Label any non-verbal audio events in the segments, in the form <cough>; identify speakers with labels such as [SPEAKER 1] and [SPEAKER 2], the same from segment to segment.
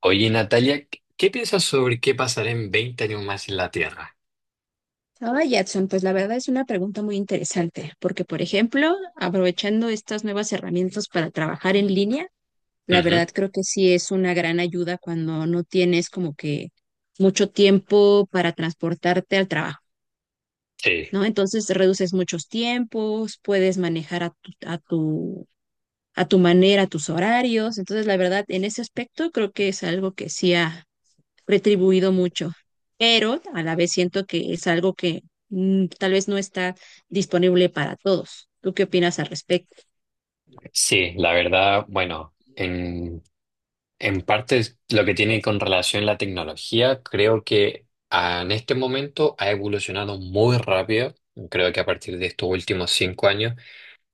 [SPEAKER 1] Oye, Natalia, ¿¿qué piensas sobre qué pasará en 20 años más en la Tierra?
[SPEAKER 2] Ahora, Jackson, pues la verdad es una pregunta muy interesante, porque por ejemplo, aprovechando estas nuevas herramientas para trabajar en línea, la
[SPEAKER 1] Ujú.
[SPEAKER 2] verdad creo que sí es una gran ayuda cuando no tienes como que mucho tiempo para transportarte al trabajo,
[SPEAKER 1] Sí,
[SPEAKER 2] ¿no? Entonces reduces muchos tiempos, puedes manejar a tu manera tus horarios, entonces la verdad en ese aspecto creo que es algo que sí ha retribuido mucho, pero a la vez siento que es algo que tal vez no está disponible para todos. ¿Tú qué opinas al respecto?
[SPEAKER 1] sí, la verdad, bueno, en parte es lo que tiene con relación a la tecnología, creo que en este momento ha evolucionado muy rápido. Creo que a partir de estos últimos 5 años,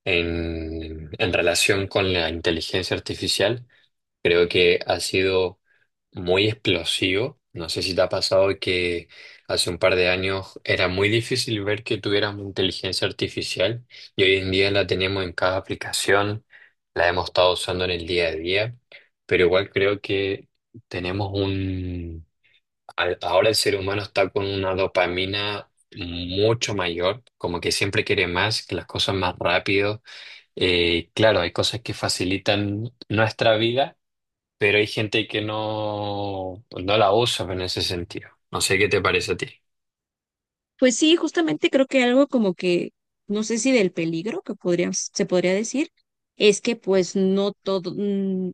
[SPEAKER 1] en relación con la inteligencia artificial, creo que ha sido muy explosivo. No sé si te ha pasado que hace un par de años era muy difícil ver que tuviéramos inteligencia artificial y hoy en día la tenemos en cada aplicación, la hemos estado usando en el día a día, pero igual creo que tenemos un... Ahora el ser humano está con una dopamina mucho mayor, como que siempre quiere más, que las cosas más rápido. Claro, hay cosas que facilitan nuestra vida, pero hay gente que no, pues no la usa en ese sentido. No sé qué te parece a ti.
[SPEAKER 2] Pues sí, justamente creo que algo como que, no sé si del peligro que podría, se podría decir, es que pues no todo,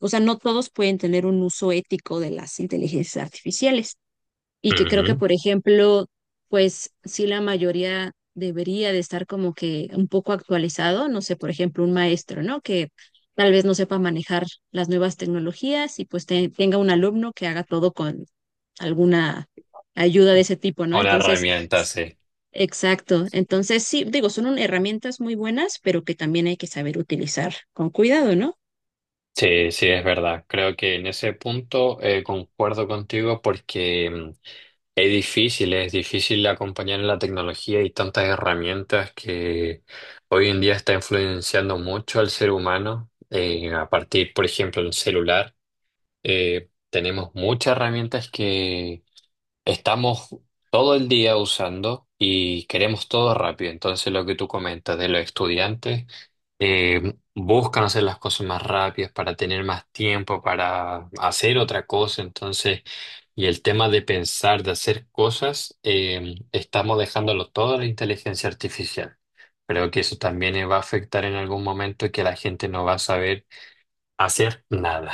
[SPEAKER 2] o sea, no todos pueden tener un uso ético de las inteligencias artificiales, y que creo que,
[SPEAKER 1] Ujú.
[SPEAKER 2] por ejemplo, pues sí la mayoría debería de estar como que un poco actualizado, no sé, por ejemplo, un maestro, ¿no? Que tal vez no sepa manejar las nuevas tecnologías y pues tenga un alumno que haga todo con alguna ayuda de ese tipo, ¿no?
[SPEAKER 1] Una
[SPEAKER 2] Entonces,
[SPEAKER 1] herramienta,
[SPEAKER 2] s-
[SPEAKER 1] sí.
[SPEAKER 2] exacto. Entonces, sí, digo, son herramientas muy buenas, pero que también hay que saber utilizar con cuidado, ¿no?
[SPEAKER 1] Sí, sí, es verdad. Creo que en ese punto concuerdo contigo porque es difícil acompañar en la tecnología y tantas herramientas que hoy en día está influenciando mucho al ser humano. A partir, por ejemplo, del celular, tenemos muchas herramientas que estamos todo el día usando, y queremos todo rápido. Entonces, lo que tú comentas de los estudiantes, buscan hacer las cosas más rápidas para tener más tiempo para hacer otra cosa. Entonces, y el tema de pensar, de hacer cosas, estamos dejándolo todo a la inteligencia artificial. Creo que eso también va a afectar en algún momento que la gente no va a saber hacer nada.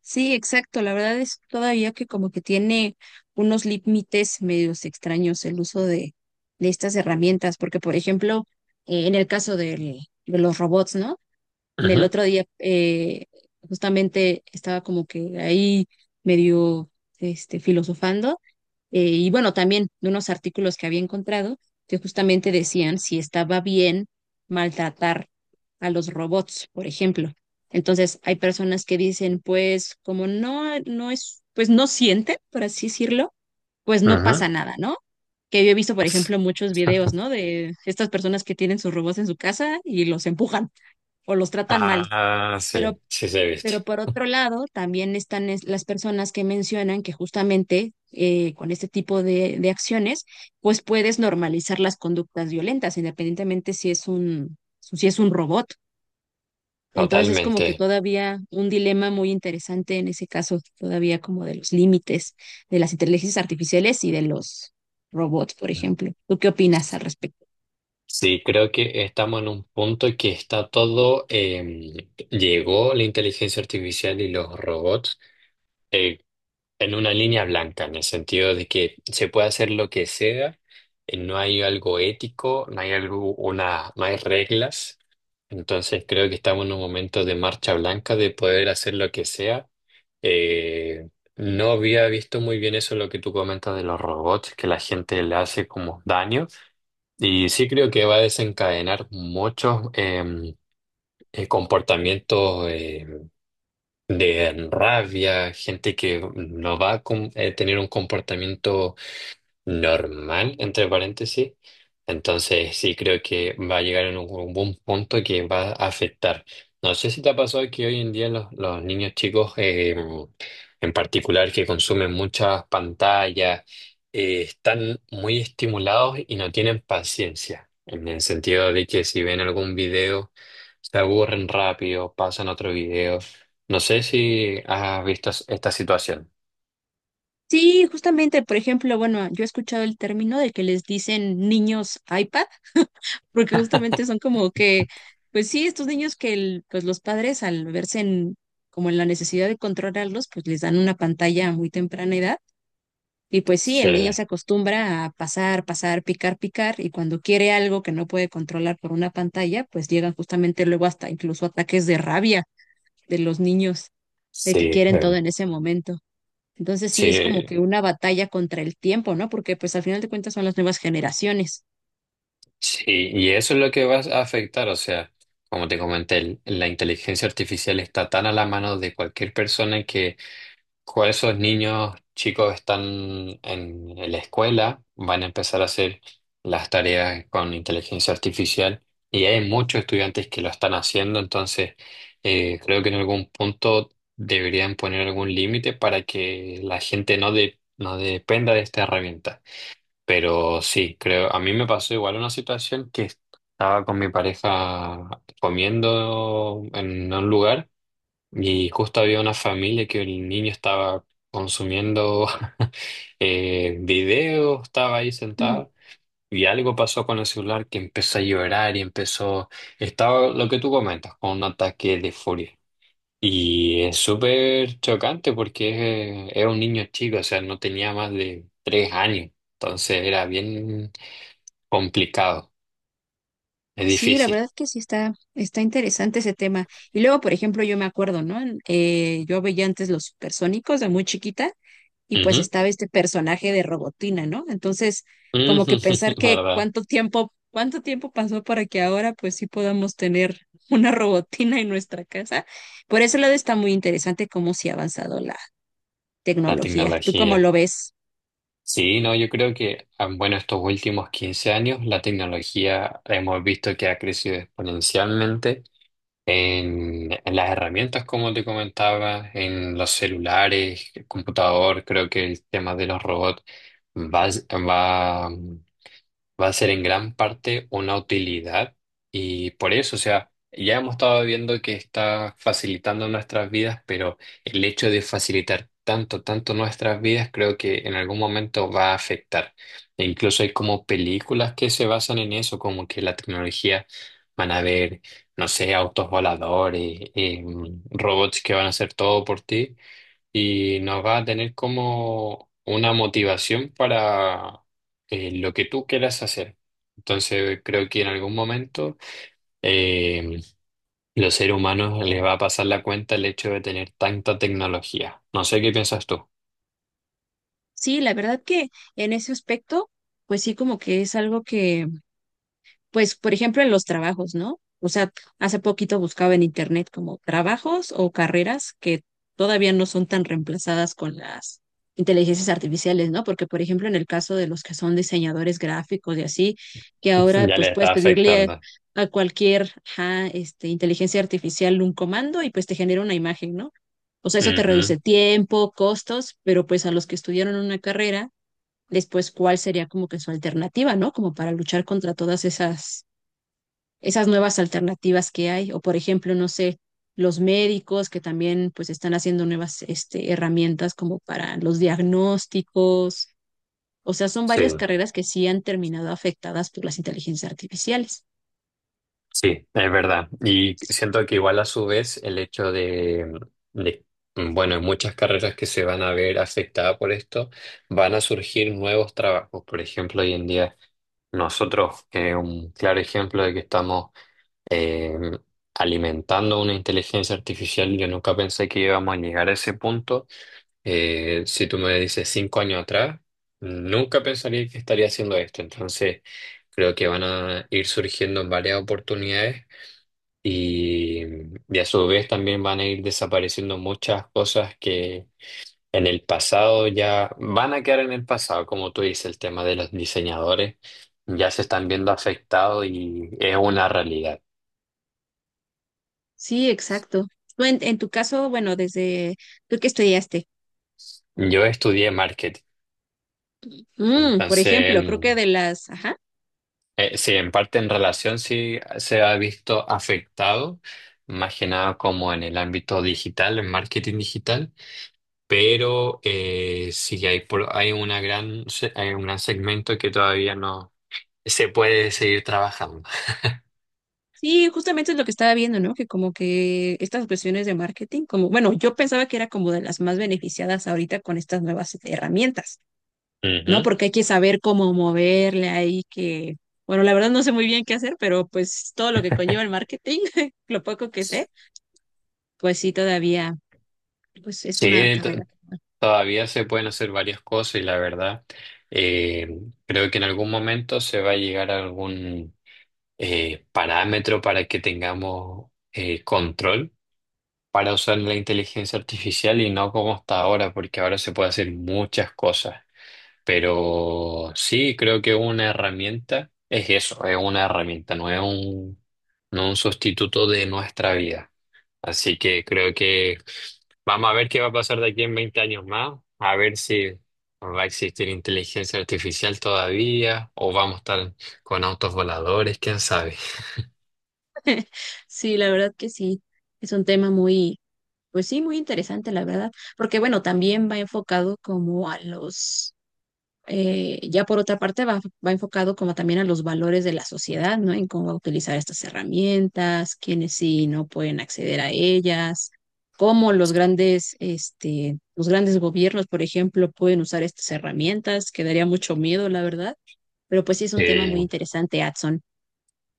[SPEAKER 2] Sí, exacto. La verdad es todavía que como que tiene unos límites medios extraños el uso de estas herramientas, porque por ejemplo, en el caso de los robots, ¿no? El
[SPEAKER 1] Ujú,
[SPEAKER 2] otro día justamente estaba como que ahí medio este, filosofando, y bueno, también de unos artículos que había encontrado que justamente decían si estaba bien maltratar a los robots, por ejemplo. Entonces, hay personas que dicen, pues, como no, no es, pues no sienten, por así decirlo, pues no
[SPEAKER 1] ujú.
[SPEAKER 2] pasa nada, ¿no? Que yo he visto, por ejemplo, muchos videos, ¿no? De estas personas que tienen sus robots en su casa y los empujan o los tratan mal.
[SPEAKER 1] Ah,
[SPEAKER 2] Pero
[SPEAKER 1] sí, sí se viste.
[SPEAKER 2] pero por otro lado, también están las personas que mencionan que justamente con este tipo de acciones, pues puedes normalizar las conductas violentas, independientemente si es un robot. Entonces es como
[SPEAKER 1] Totalmente.
[SPEAKER 2] que todavía un dilema muy interesante en ese caso, todavía como de los límites de las inteligencias artificiales y de los robots, por ejemplo. ¿Tú qué opinas al respecto?
[SPEAKER 1] Sí, creo que estamos en un punto que está todo, llegó la inteligencia artificial y los robots eh, en una línea blanca, en el sentido de que se puede hacer lo que sea, no hay algo ético, no hay algo, una, no hay reglas. Entonces creo que estamos en un momento de marcha blanca de poder hacer lo que sea. Eh, no había visto muy bien eso lo que tú comentas de los robots, que la gente le hace como daño. Y sí creo que va a desencadenar muchos comportamientos de rabia, gente que no va a tener un comportamiento normal, entre paréntesis. Entonces, sí, creo que va a llegar en un buen punto que va a afectar. No sé si te ha pasado que hoy en día los niños chicos, en particular, que consumen muchas pantallas, están muy estimulados y no tienen paciencia, en el sentido de que si ven algún video, se aburren rápido, pasan a otro video. No sé si has visto esta situación.
[SPEAKER 2] Sí, justamente, por ejemplo, bueno, yo he escuchado el término de que les dicen niños iPad porque justamente son como que, pues sí, estos niños que pues los padres al verse en, como en la necesidad de controlarlos, pues les dan una pantalla a muy temprana edad. Y pues sí,
[SPEAKER 1] Sí,
[SPEAKER 2] el niño se acostumbra a pasar, pasar, picar, picar, y cuando quiere algo que no puede controlar por una pantalla, pues llegan justamente luego hasta incluso ataques de rabia de los niños, de que
[SPEAKER 1] sí,
[SPEAKER 2] quieren todo en ese momento. Entonces sí es como
[SPEAKER 1] sí.
[SPEAKER 2] que una batalla contra el tiempo, ¿no? Porque pues al final de cuentas son las nuevas generaciones.
[SPEAKER 1] Sí, y eso es lo que va a afectar, o sea, como te comenté, la inteligencia artificial está tan a la mano de cualquier persona que cuando esos niños chicos están en la escuela, van a empezar a hacer las tareas con inteligencia artificial, y hay muchos estudiantes que lo están haciendo. Entonces, creo que en algún punto deberían poner algún límite para que la gente no, no dependa de esta herramienta. Pero sí, creo, a mí me pasó igual una situación que estaba con mi pareja comiendo en un lugar y justo había una familia que el niño estaba consumiendo <laughs> videos, estaba ahí sentado y algo pasó con el celular que empezó a llorar y empezó, estaba lo que tú comentas, con un ataque de furia. Y es súper chocante porque es un niño chico, o sea, no tenía más de 3 años. Entonces era bien complicado, es
[SPEAKER 2] Sí, la
[SPEAKER 1] difícil.
[SPEAKER 2] verdad que sí está, está interesante ese tema. Y luego, por ejemplo, yo me acuerdo, ¿no? Yo veía antes los supersónicos de muy chiquita y pues
[SPEAKER 1] Ujú,
[SPEAKER 2] estaba este personaje de Robotina, ¿no? Entonces, como que pensar
[SPEAKER 1] ujú, <laughs>
[SPEAKER 2] que
[SPEAKER 1] ¿verdad?
[SPEAKER 2] cuánto tiempo pasó para que ahora pues sí podamos tener <laughs> una Robotina en nuestra casa. Por ese lado está muy interesante cómo se ha avanzado la
[SPEAKER 1] La
[SPEAKER 2] tecnología. ¿Tú cómo
[SPEAKER 1] tecnología.
[SPEAKER 2] lo ves?
[SPEAKER 1] Sí, no, yo creo que, bueno, estos últimos 15 años la tecnología hemos visto que ha crecido exponencialmente en las herramientas, como te comentaba, en los celulares, el computador, creo que el tema de los robots va, va va a ser en gran parte una utilidad, y por eso, o sea, ya hemos estado viendo que está facilitando nuestras vidas, pero el hecho de facilitar tanto, tanto nuestras vidas, creo que en algún momento va a afectar. E incluso hay como películas que se basan en eso, como que la tecnología van a ver, no sé, autos voladores, robots que van a hacer todo por ti y nos va a tener como una motivación para lo que tú quieras hacer. Entonces creo que en algún momento eh, los seres humanos les va a pasar la cuenta el hecho de tener tanta tecnología. No sé qué piensas tú. <laughs>
[SPEAKER 2] Sí, la verdad que en ese aspecto, pues sí, como que es algo que pues, por ejemplo, en los trabajos, ¿no? O sea, hace poquito buscaba en internet como trabajos o carreras que todavía no son tan reemplazadas con las inteligencias artificiales, ¿no? Porque, por ejemplo, en el caso de los que son diseñadores gráficos y así, que ahora
[SPEAKER 1] Ya
[SPEAKER 2] pues
[SPEAKER 1] les está
[SPEAKER 2] puedes pedirle
[SPEAKER 1] afectando.
[SPEAKER 2] a cualquier ajá, este, inteligencia artificial un comando y pues te genera una imagen, ¿no? O sea, eso te
[SPEAKER 1] Ujú,
[SPEAKER 2] reduce tiempo, costos, pero pues a los que estudiaron una carrera, después cuál sería como que su alternativa, ¿no? Como para luchar contra todas esas nuevas alternativas que hay, o por ejemplo, no sé, los médicos que también pues están haciendo nuevas este, herramientas como para los diagnósticos, o sea, son
[SPEAKER 1] sí.
[SPEAKER 2] varias carreras que sí han terminado afectadas por las inteligencias artificiales.
[SPEAKER 1] Sí, es verdad. Y siento que igual a su vez el hecho de, bueno, en muchas carreras que se van a ver afectadas por esto, van a surgir nuevos trabajos. Por ejemplo, hoy en día nosotros, un claro ejemplo de que estamos eh, alimentando una inteligencia artificial, yo nunca pensé que íbamos a llegar a ese punto. Si tú me dices 5 años atrás, nunca pensaría que estaría haciendo esto. Entonces, creo que van a ir surgiendo varias oportunidades y, y a su vez también van a ir desapareciendo muchas cosas que en el pasado ya van a quedar en el pasado, como tú dices, el tema de los diseñadores ya se están viendo afectados y es una realidad.
[SPEAKER 2] Sí, exacto. En tu caso, bueno, desde tú que estudiaste,
[SPEAKER 1] Yo estudié marketing,
[SPEAKER 2] mm, por
[SPEAKER 1] entonces
[SPEAKER 2] ejemplo, creo que de las, ajá,
[SPEAKER 1] sí, en parte en relación sí se ha visto afectado, más que nada como en el ámbito digital, en marketing digital, pero sí hay, hay una gran, hay un gran segmento que todavía no se puede seguir trabajando.
[SPEAKER 2] sí, justamente es lo que estaba viendo, ¿no? Que como que estas cuestiones de marketing, como, bueno, yo pensaba que era como de las más beneficiadas ahorita con estas nuevas herramientas. ¿No?
[SPEAKER 1] Ujú.
[SPEAKER 2] Porque hay que saber cómo moverle ahí, que, bueno, la verdad no sé muy bien qué hacer, pero pues todo lo que conlleva el marketing, <laughs> lo poco que sé, pues sí, todavía, pues es una
[SPEAKER 1] Sí,
[SPEAKER 2] carrera.
[SPEAKER 1] todavía se pueden hacer varias cosas, y la verdad, eh, creo que en algún momento se va a llegar a algún parámetro para que tengamos control para usar la inteligencia artificial y no como hasta ahora, porque ahora se puede hacer muchas cosas. Pero sí, creo que una herramienta es eso, es una herramienta, no es un, no un sustituto de nuestra vida. Así que creo que vamos a ver qué va a pasar de aquí en 20 años más, a ver si va a existir inteligencia artificial todavía o vamos a estar con autos voladores, quién sabe.
[SPEAKER 2] Sí, la verdad que sí, es un tema muy, pues sí, muy interesante, la verdad, porque bueno, también va enfocado como a los ya por otra parte va enfocado como también a los valores de la sociedad, ¿no? En cómo va a utilizar estas herramientas, quiénes sí y no pueden acceder a ellas, cómo los grandes, este, los grandes gobiernos, por ejemplo, pueden usar estas herramientas, que daría mucho miedo, la verdad. Pero pues sí es un tema muy
[SPEAKER 1] Sí,
[SPEAKER 2] interesante, Adson.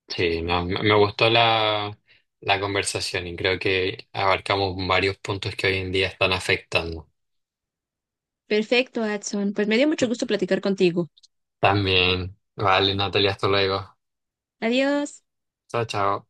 [SPEAKER 1] sí, no, me gustó la, la conversación y creo que abarcamos varios puntos que hoy en día están afectando.
[SPEAKER 2] Perfecto, Adson. Pues me dio mucho gusto platicar contigo.
[SPEAKER 1] También. Vale, Natalia, hasta luego.
[SPEAKER 2] Adiós.
[SPEAKER 1] Chao, chao.